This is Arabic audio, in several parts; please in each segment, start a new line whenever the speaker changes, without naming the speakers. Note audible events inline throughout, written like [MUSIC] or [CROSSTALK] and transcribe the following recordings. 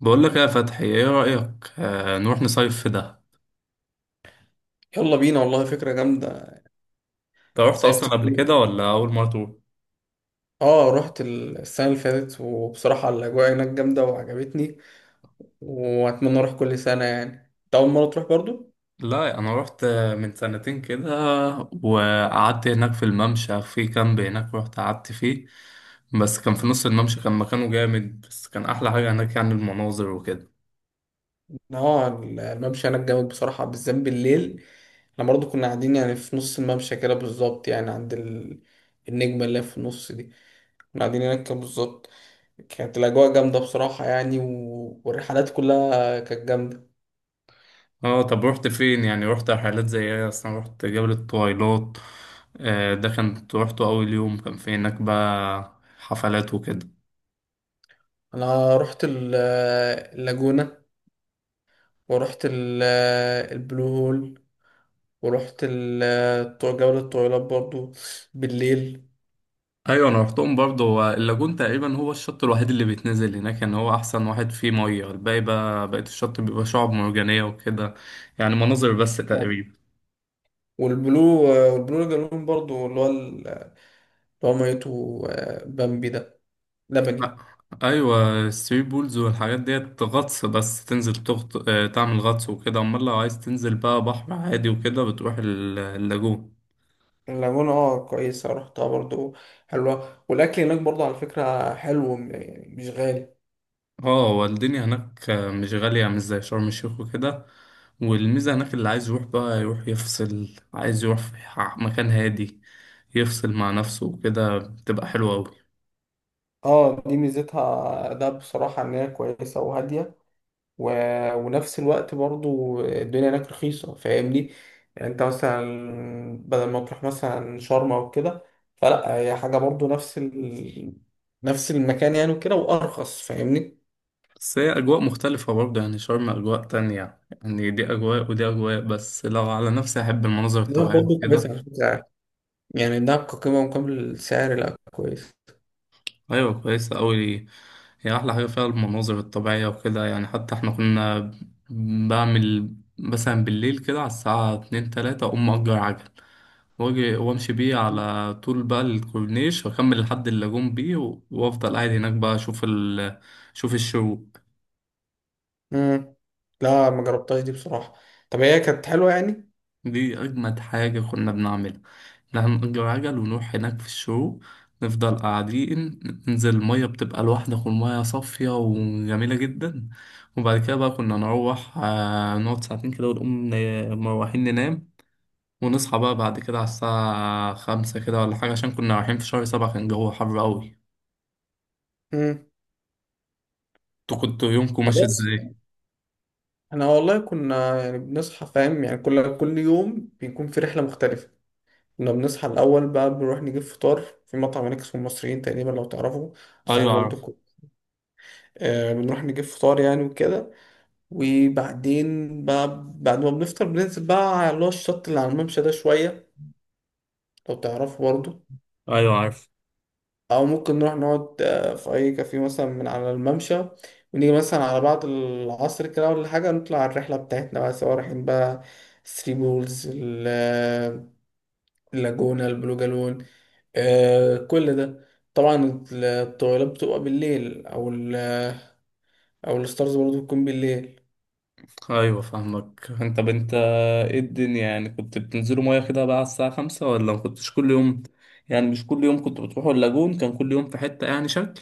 بقول لك إيه يا فتحي، ايه رأيك، نروح نصيف في دهب؟
يلا بينا، والله فكرة جامدة.
انت رحت اصلا
صيفت
قبل
كتير.
كده ولا اول مرة تروح؟
اه، رحت السنة اللي فاتت، وبصراحة الأجواء هناك جامدة وعجبتني. وأتمنى أروح كل سنة يعني. أنت أول مرة تروح برضو؟
لا، انا رحت من سنتين كده، وقعدت هناك في الممشى، في كامب هناك رحت قعدت فيه. بس كان في نص الممشى، كان مكانه جامد، بس كان احلى حاجة هناك يعني المناظر وكده.
اه، الممشى هناك جامد بصراحة، بالذات بالليل. احنا برضو كنا قاعدين يعني في نص الممشى كده بالظبط، يعني عند النجمة اللي هي في النص دي. كنا قاعدين هناك كده بالظبط. كانت الأجواء جامدة بصراحة يعني، والرحلات كلها كانت جامدة.
اه، طب رحت فين؟ يعني رحت رحلات زي ايه؟ اصلا رحت جبل الطويلات؟ آه، ده كان روحته اول يوم، كان في هناك بقى حفلات وكده.
أنا رحت اللاجونة. ورحت البلو هول. ورحت جولة الطويلات برضو بالليل.
ايوه انا رحتهم برضه، هو اللاجون تقريبا هو الشط الوحيد اللي بيتنزل هناك، ان هو احسن واحد فيه ميه. الباقي بقى، بقيت الشط بيبقى شعاب مرجانيه وكده، يعني مناظر بس
آه.
تقريبا.
والبلو والبلو لاجون برضو، اللي هو ميته بامبي ده،
أ-
لبني.
ايوه، الثري بولز والحاجات ديت غطس، بس تنزل تغط... آه، تعمل غطس وكده. امال لو عايز تنزل بقى بحر عادي وكده بتروح اللاجون.
اللاجونة، اه، كويسة، رحتها برضو. حلوة. والأكل هناك برضو على فكرة حلو، يعني مش غالي.
اه، هو الدنيا هناك مش غالية، مش زي شرم الشيخ وكده. والميزة هناك اللي عايز يروح بقى يروح يفصل، عايز يروح في مكان هادي يفصل مع نفسه وكده، بتبقى حلوة أوي.
اه، دي ميزتها ده بصراحة إن هي كويسة وهادية. و... ونفس الوقت برضو الدنيا هناك رخيصة، فاهمني. يعني انت مثلا بدل ما تروح مثلا شرم او كده، فلا هي حاجة برضو، نفس المكان يعني وكده وارخص، فاهمني.
بس هي أجواء مختلفة برضه، يعني شرم أجواء تانية، يعني دي أجواء ودي أجواء، بس لو على نفسي أحب المناظر
دهب
الطبيعية
برضو
كده.
كويسة على فكرة يعني. يعني دهب كقيمة مقابل السعر، لا كويس.
أيوة كويسة أوي، هي أحلى حاجة فيها المناظر الطبيعية وكده، يعني حتى إحنا كنا بعمل مثلا بالليل كده على الساعة اتنين تلاتة أقوم مأجر عجل، واجي وامشي بيه على طول بقى الكورنيش، واكمل لحد اللاجون بيه، وافضل قاعد هناك بقى اشوف الشروق.
مم. لا، ما جربتهاش دي بصراحة. طب هي كانت حلوة يعني؟
دي اجمد حاجة كنا بنعملها، إن إحنا هنأجر عجل ونروح هناك في الشروق، نفضل قاعدين، ننزل المية بتبقى لوحدك والمية صافية وجميلة جدا. وبعد كده بقى كنا نروح نقعد ساعتين كده ونقوم مروحين ننام، ونصحى بقى بعد كده على الساعة 5 كده ولا حاجة، عشان كنا رايحين في شهر 7، كان الجو حر أوي.
مم.
انتوا كنتوا يومكم ماشي
خلاص.
ازاي؟
احنا والله كنا يعني بنصحى، فاهم يعني، كل يوم بيكون في رحلة مختلفة. كنا بنصحى الأول بقى، بنروح نجيب فطار في مطعم هناك اسمه المصريين تقريبا، لو تعرفوا. اسعاره
ايوه
برضه
عارف.
كو- آه، بنروح نجيب فطار يعني وكده. وبعدين بقى بعد ما بنفطر بننزل بقى على اللي هو الشط اللي على الممشى ده شوية، لو تعرفوا برضه.
ايوه عارف.
أو ممكن نروح نقعد في أي كافيه مثلا من على الممشى، ونيجي مثلا على بعد العصر كده ولا حاجة نطلع على الرحلة بتاعتنا بقى، سواء رايحين بقى ثري بولز، اللاجونة، البلو جالون، آه كل ده. طبعا الطويلات بتبقى بالليل، او الستارز برضو بتكون بالليل.
ايوه فاهمك. انت طب انت ايه الدنيا، يعني كنت بتنزلوا ميه كده بقى على الساعه 5 ولا ما كنتش كل يوم؟ يعني مش كل يوم كنتوا بتروحوا اللاجون، كان كل يوم في حته يعني شكل؟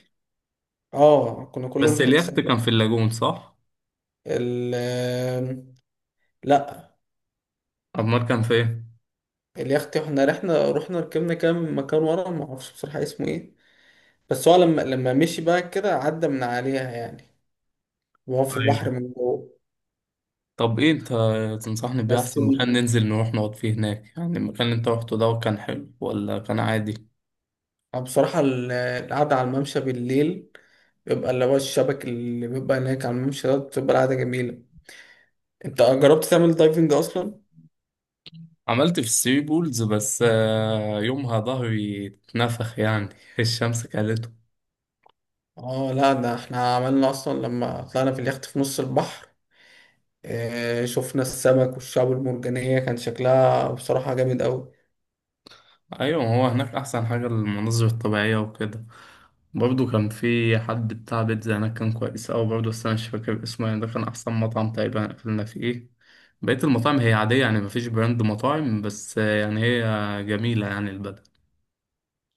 اه، كنا كلهم
بس
في حتة
اليخت
ساكنة.
كان في اللاجون صح؟
ال آم، لا.
امال كان في ايه؟
اليخت احنا رحنا ركبنا كام مكان ورا، ما اعرفش بصراحة اسمه ايه. بس هو لما مشي بقى كده عدى من عليها يعني، وهو في
ايوه،
البحر من جوه.
طب ايه انت تنصحني بيه
بس
احسن مكان ننزل نروح نقعد فيه هناك؟ يعني المكان اللي انت روحته ده كان حلو ولا كان عادي؟
بصراحة القعدة على الممشى بالليل، بيبقى اللي هو الشبك اللي بيبقى هناك على الممشى ده، بتبقى القعدة جميلة. انت جربت تعمل دايفنج اصلا؟
عملت في الثري بولز، بس يومها ظهري اتنفخ يعني [LAUGHS] الشمس كانت.
اه، لا، ده احنا عملنا اصلا لما طلعنا في اليخت في نص البحر. اه، شفنا السمك والشعب المرجانية، كان شكلها بصراحة جامد قوي.
ايوه، ما هو هناك احسن حاجه المناظر الطبيعيه وكده. برضو كان في حد بتاع بيتزا هناك كان كويس اوي برضو، بس انا مش فاكر اسمه، يعني ده كان احسن مطعم تقريبا اكلنا فيه. بقيه المطاعم هي عاديه، يعني مفيش براند مطاعم، بس يعني هي جميله يعني البلد.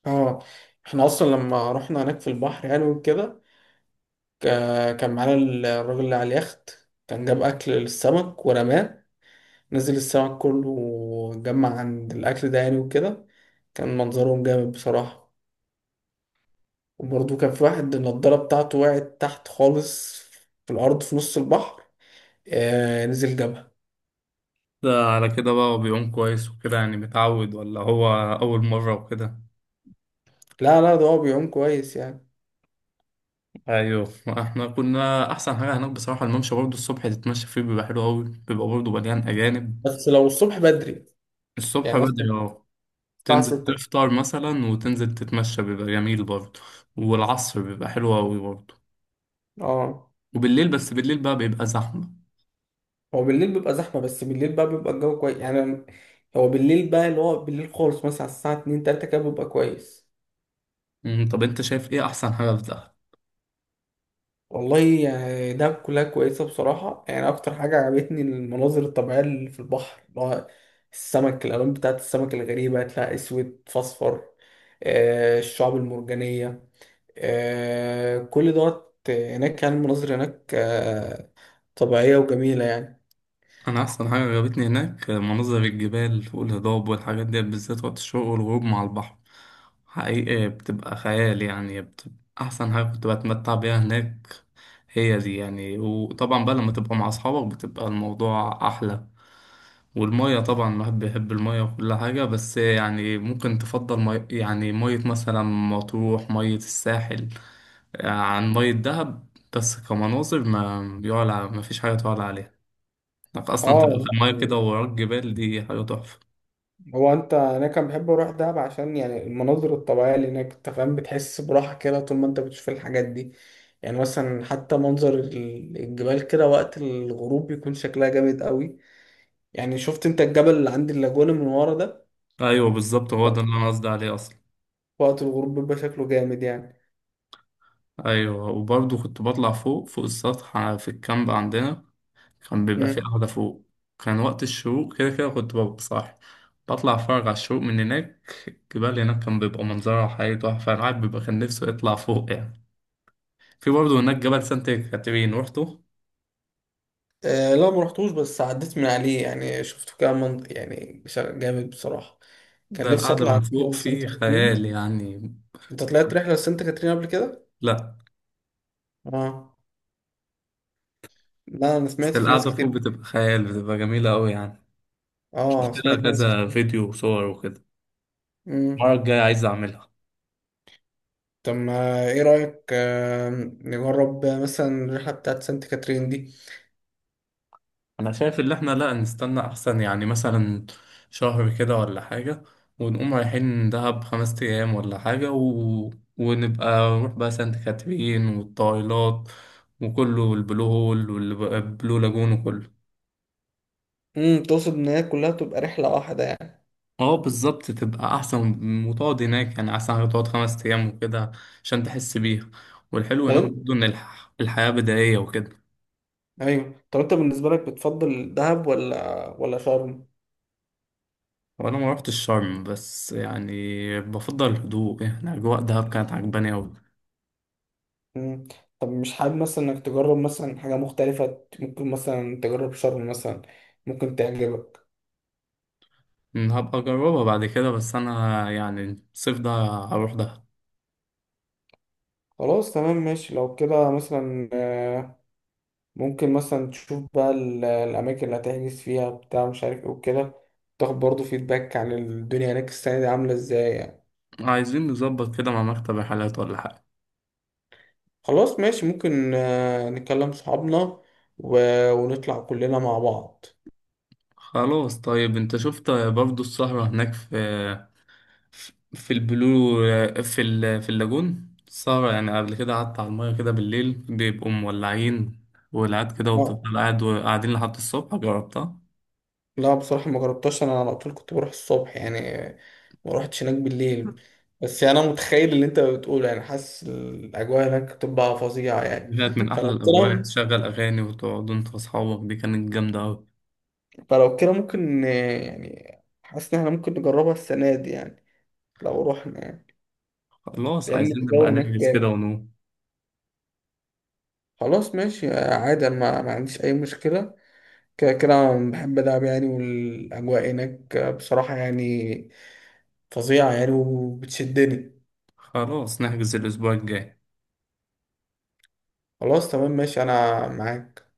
اه، احنا اصلا لما رحنا هناك في البحر يعني وكده، كان معانا الراجل اللي على اليخت. كان جاب اكل للسمك ورماه، نزل السمك كله وجمع عند الاكل ده يعني وكده. كان منظرهم جامد بصراحة. وبرضه كان في واحد النضارة بتاعته وقعت تحت خالص في الأرض في نص البحر، نزل جبهة.
ده على كده بقى هو بيعوم كويس وكده يعني متعود، ولا هو اول مره وكده؟
لا، لا، ده هو بيعوم كويس يعني.
ايوه، احنا كنا احسن حاجه هناك بصراحه الممشى، برضو الصبح تتمشى فيه بيبقى حلو اوي، بيبقى برضو مليان اجانب.
بس لو الصبح بدري،
الصبح
يعني مثلا
بدري، اه.
الساعة
تنزل
ستة
تفطر مثلا وتنزل تتمشى بيبقى جميل برضه، والعصر بيبقى حلو أوي برضه،
اه،
وبالليل، بس بالليل بقى بيبقى زحمة.
هو بالليل بيبقى زحمة، بس بالليل بقى بيبقى الجو كويس يعني. هو بالليل بقى اللي هو بالليل خالص مثلا على الساعة اتنين تلاتة كده بيبقى كويس.
طب أنت شايف إيه أحسن حاجة في دهب؟
والله يعني ده كلها كويسة بصراحة يعني، أكتر حاجة عجبتني المناظر الطبيعية اللي في البحر، اللي هو السمك، الألوان بتاعت السمك الغريبة، تلاقي أسود في أصفر، الشعاب المرجانية، كل دوت هناك يعني، المناظر هناك طبيعية وجميلة يعني.
أنا أحسن حاجة عجبتني هناك مناظر الجبال والهضاب والحاجات دي، بالذات وقت الشروق والغروب مع البحر، حقيقي بتبقى خيال، يعني بتبقى أحسن حاجة كنت بتمتع بيها هناك. هي دي يعني، وطبعا بقى لما تبقى مع أصحابك بتبقى الموضوع أحلى. والمية طبعا الواحد بيحب المية وكل حاجة، بس يعني ممكن تفضل يعني مية مثلا مطروح، مية الساحل عن مية دهب، بس كمناظر ما يعلى، ما فيش حاجة تعلى عليها، انك أصلا تبقى
اه
في المية كده
يعني،
ووراك جبال، دي حاجة تحفة.
هو انت انا كان بحب اروح دهب عشان يعني المناظر الطبيعية اللي هناك، انت فاهم، بتحس براحة كده طول ما انت بتشوف الحاجات دي. يعني مثلا حتى منظر الجبال كده وقت الغروب بيكون شكلها جامد قوي. يعني شفت انت الجبل اللي عند اللاجونة من ورا ده،
أيوة بالظبط، هو ده اللي أنا قصدي عليه أصلا.
وقت الغروب بيبقى شكله جامد يعني.
أيوة، وبرضه كنت بطلع فوق، فوق السطح في الكامب عندنا كان بيبقى في
مم.
قعدة فوق، كان وقت الشروق كده كده كنت ببقى صاحي، بطلع أتفرج على الشروق من هناك. الجبال هناك كان بيبقى منظرها حقيقي تحفة، الواحد بيبقى كان نفسه يطلع فوق يعني. في برضه هناك جبل سانت كاترين، روحته؟
آه، لا، ما رحتوش، بس عديت من عليه يعني، شفته كده، من يعني جامد بصراحة. كان
ده
نفسي
القعدة
اطلع
من فوق
رحلة لسانت
فيه خيال
كاترين.
يعني.
انت طلعت رحلة لسانت كاترين قبل كده؟
لأ.
اه. لا، انا
بس
سمعت في ناس
القعدة فوق
كتير.
بتبقى خيال، بتبقى جميلة أوي يعني،
اه،
شفت لها
سمعت في ناس
كذا
كتير.
فيديو وصور وكده،
مم.
المرة الجاية عايز أعملها.
طب ما ايه رأيك، نجرب مثلا الرحلة بتاعت سانت كاترين دي؟
انا شايف ان احنا لا، نستنى احسن، يعني مثلا شهر كده ولا حاجة، ونقوم رايحين دهب 5 ايام ولا حاجة ونبقى نروح بقى سانت كاترين والطايلات وكله، والبلو هول والبلو لاجون وكله.
امم، تقصد ان هي كلها تبقى رحلة واحدة يعني؟
اه بالظبط، تبقى احسن وتقعد هناك، يعني احسن حاجة تقعد 5 ايام وكده عشان تحس بيها. والحلو
طب
هناك
انت.
برضه ان الحياة بدائية وكده.
ايوه، طب انت بالنسبة لك بتفضل دهب ولا شرم؟
وانا ما روحتش شرم، بس يعني بفضل الهدوء، يعني اجواء دهب كانت عجباني اوي.
مم. طب مش حابب مثلا انك تجرب مثلا حاجة مختلفة؟ ممكن مثلا تجرب شرم مثلا، ممكن تعجبك.
هبقى أجربها بعد كده، بس أنا يعني الصيف ده هروح ده.
خلاص تمام ماشي. لو كده مثلا ممكن مثلا تشوف بقى الأماكن اللي هتحجز فيها بتاع، مش عارف ايه وكده. تاخد برضه فيدباك عن الدنيا هناك السنة دي عاملة ازاي يعني.
عايزين نظبط كده مع مكتب رحلات ولا حاجة؟
خلاص ماشي. ممكن نكلم صحابنا، ونطلع كلنا مع
خلاص طيب، أنت شفت برضو السهرة هناك في البلو، في اللاجون السهرة، يعني قبل كده قعدت على المية كده بالليل، بيبقوا مولعين، والقعد كده،
بعض.
وبتفضل قاعد وقاعدين لحد الصبح، جربتها؟
لا، بصراحة ما جربتهاش، أنا على طول كنت بروح الصبح يعني، ما روحتش هناك بالليل. بس يعني أنا متخيل اللي أنت بتقوله يعني، حاسس الأجواء هناك بتبقى فظيعة يعني.
كانت من أحلى
فلو كده
الأجواء، تشغل أغاني وتقعدوا أنت وأصحابك، دي كانت جامدة أوي.
فلو كده ممكن يعني، حاسس إن إحنا ممكن نجربها السنة دي يعني لو روحنا يعني،
خلاص
لأن
عايزين نبقى
الجو هناك
نحجز كده
جامد.
ونقوم.
خلاص ماشي عادي، أنا ما عنديش أي مشكلة. كده كده أنا بحب ألعب يعني، والأجواء هناك بصراحة يعني فظيعة يعني وبتشدني.
خلاص نحجز الأسبوع الجاي.
خلاص تمام ماشي أنا معاك.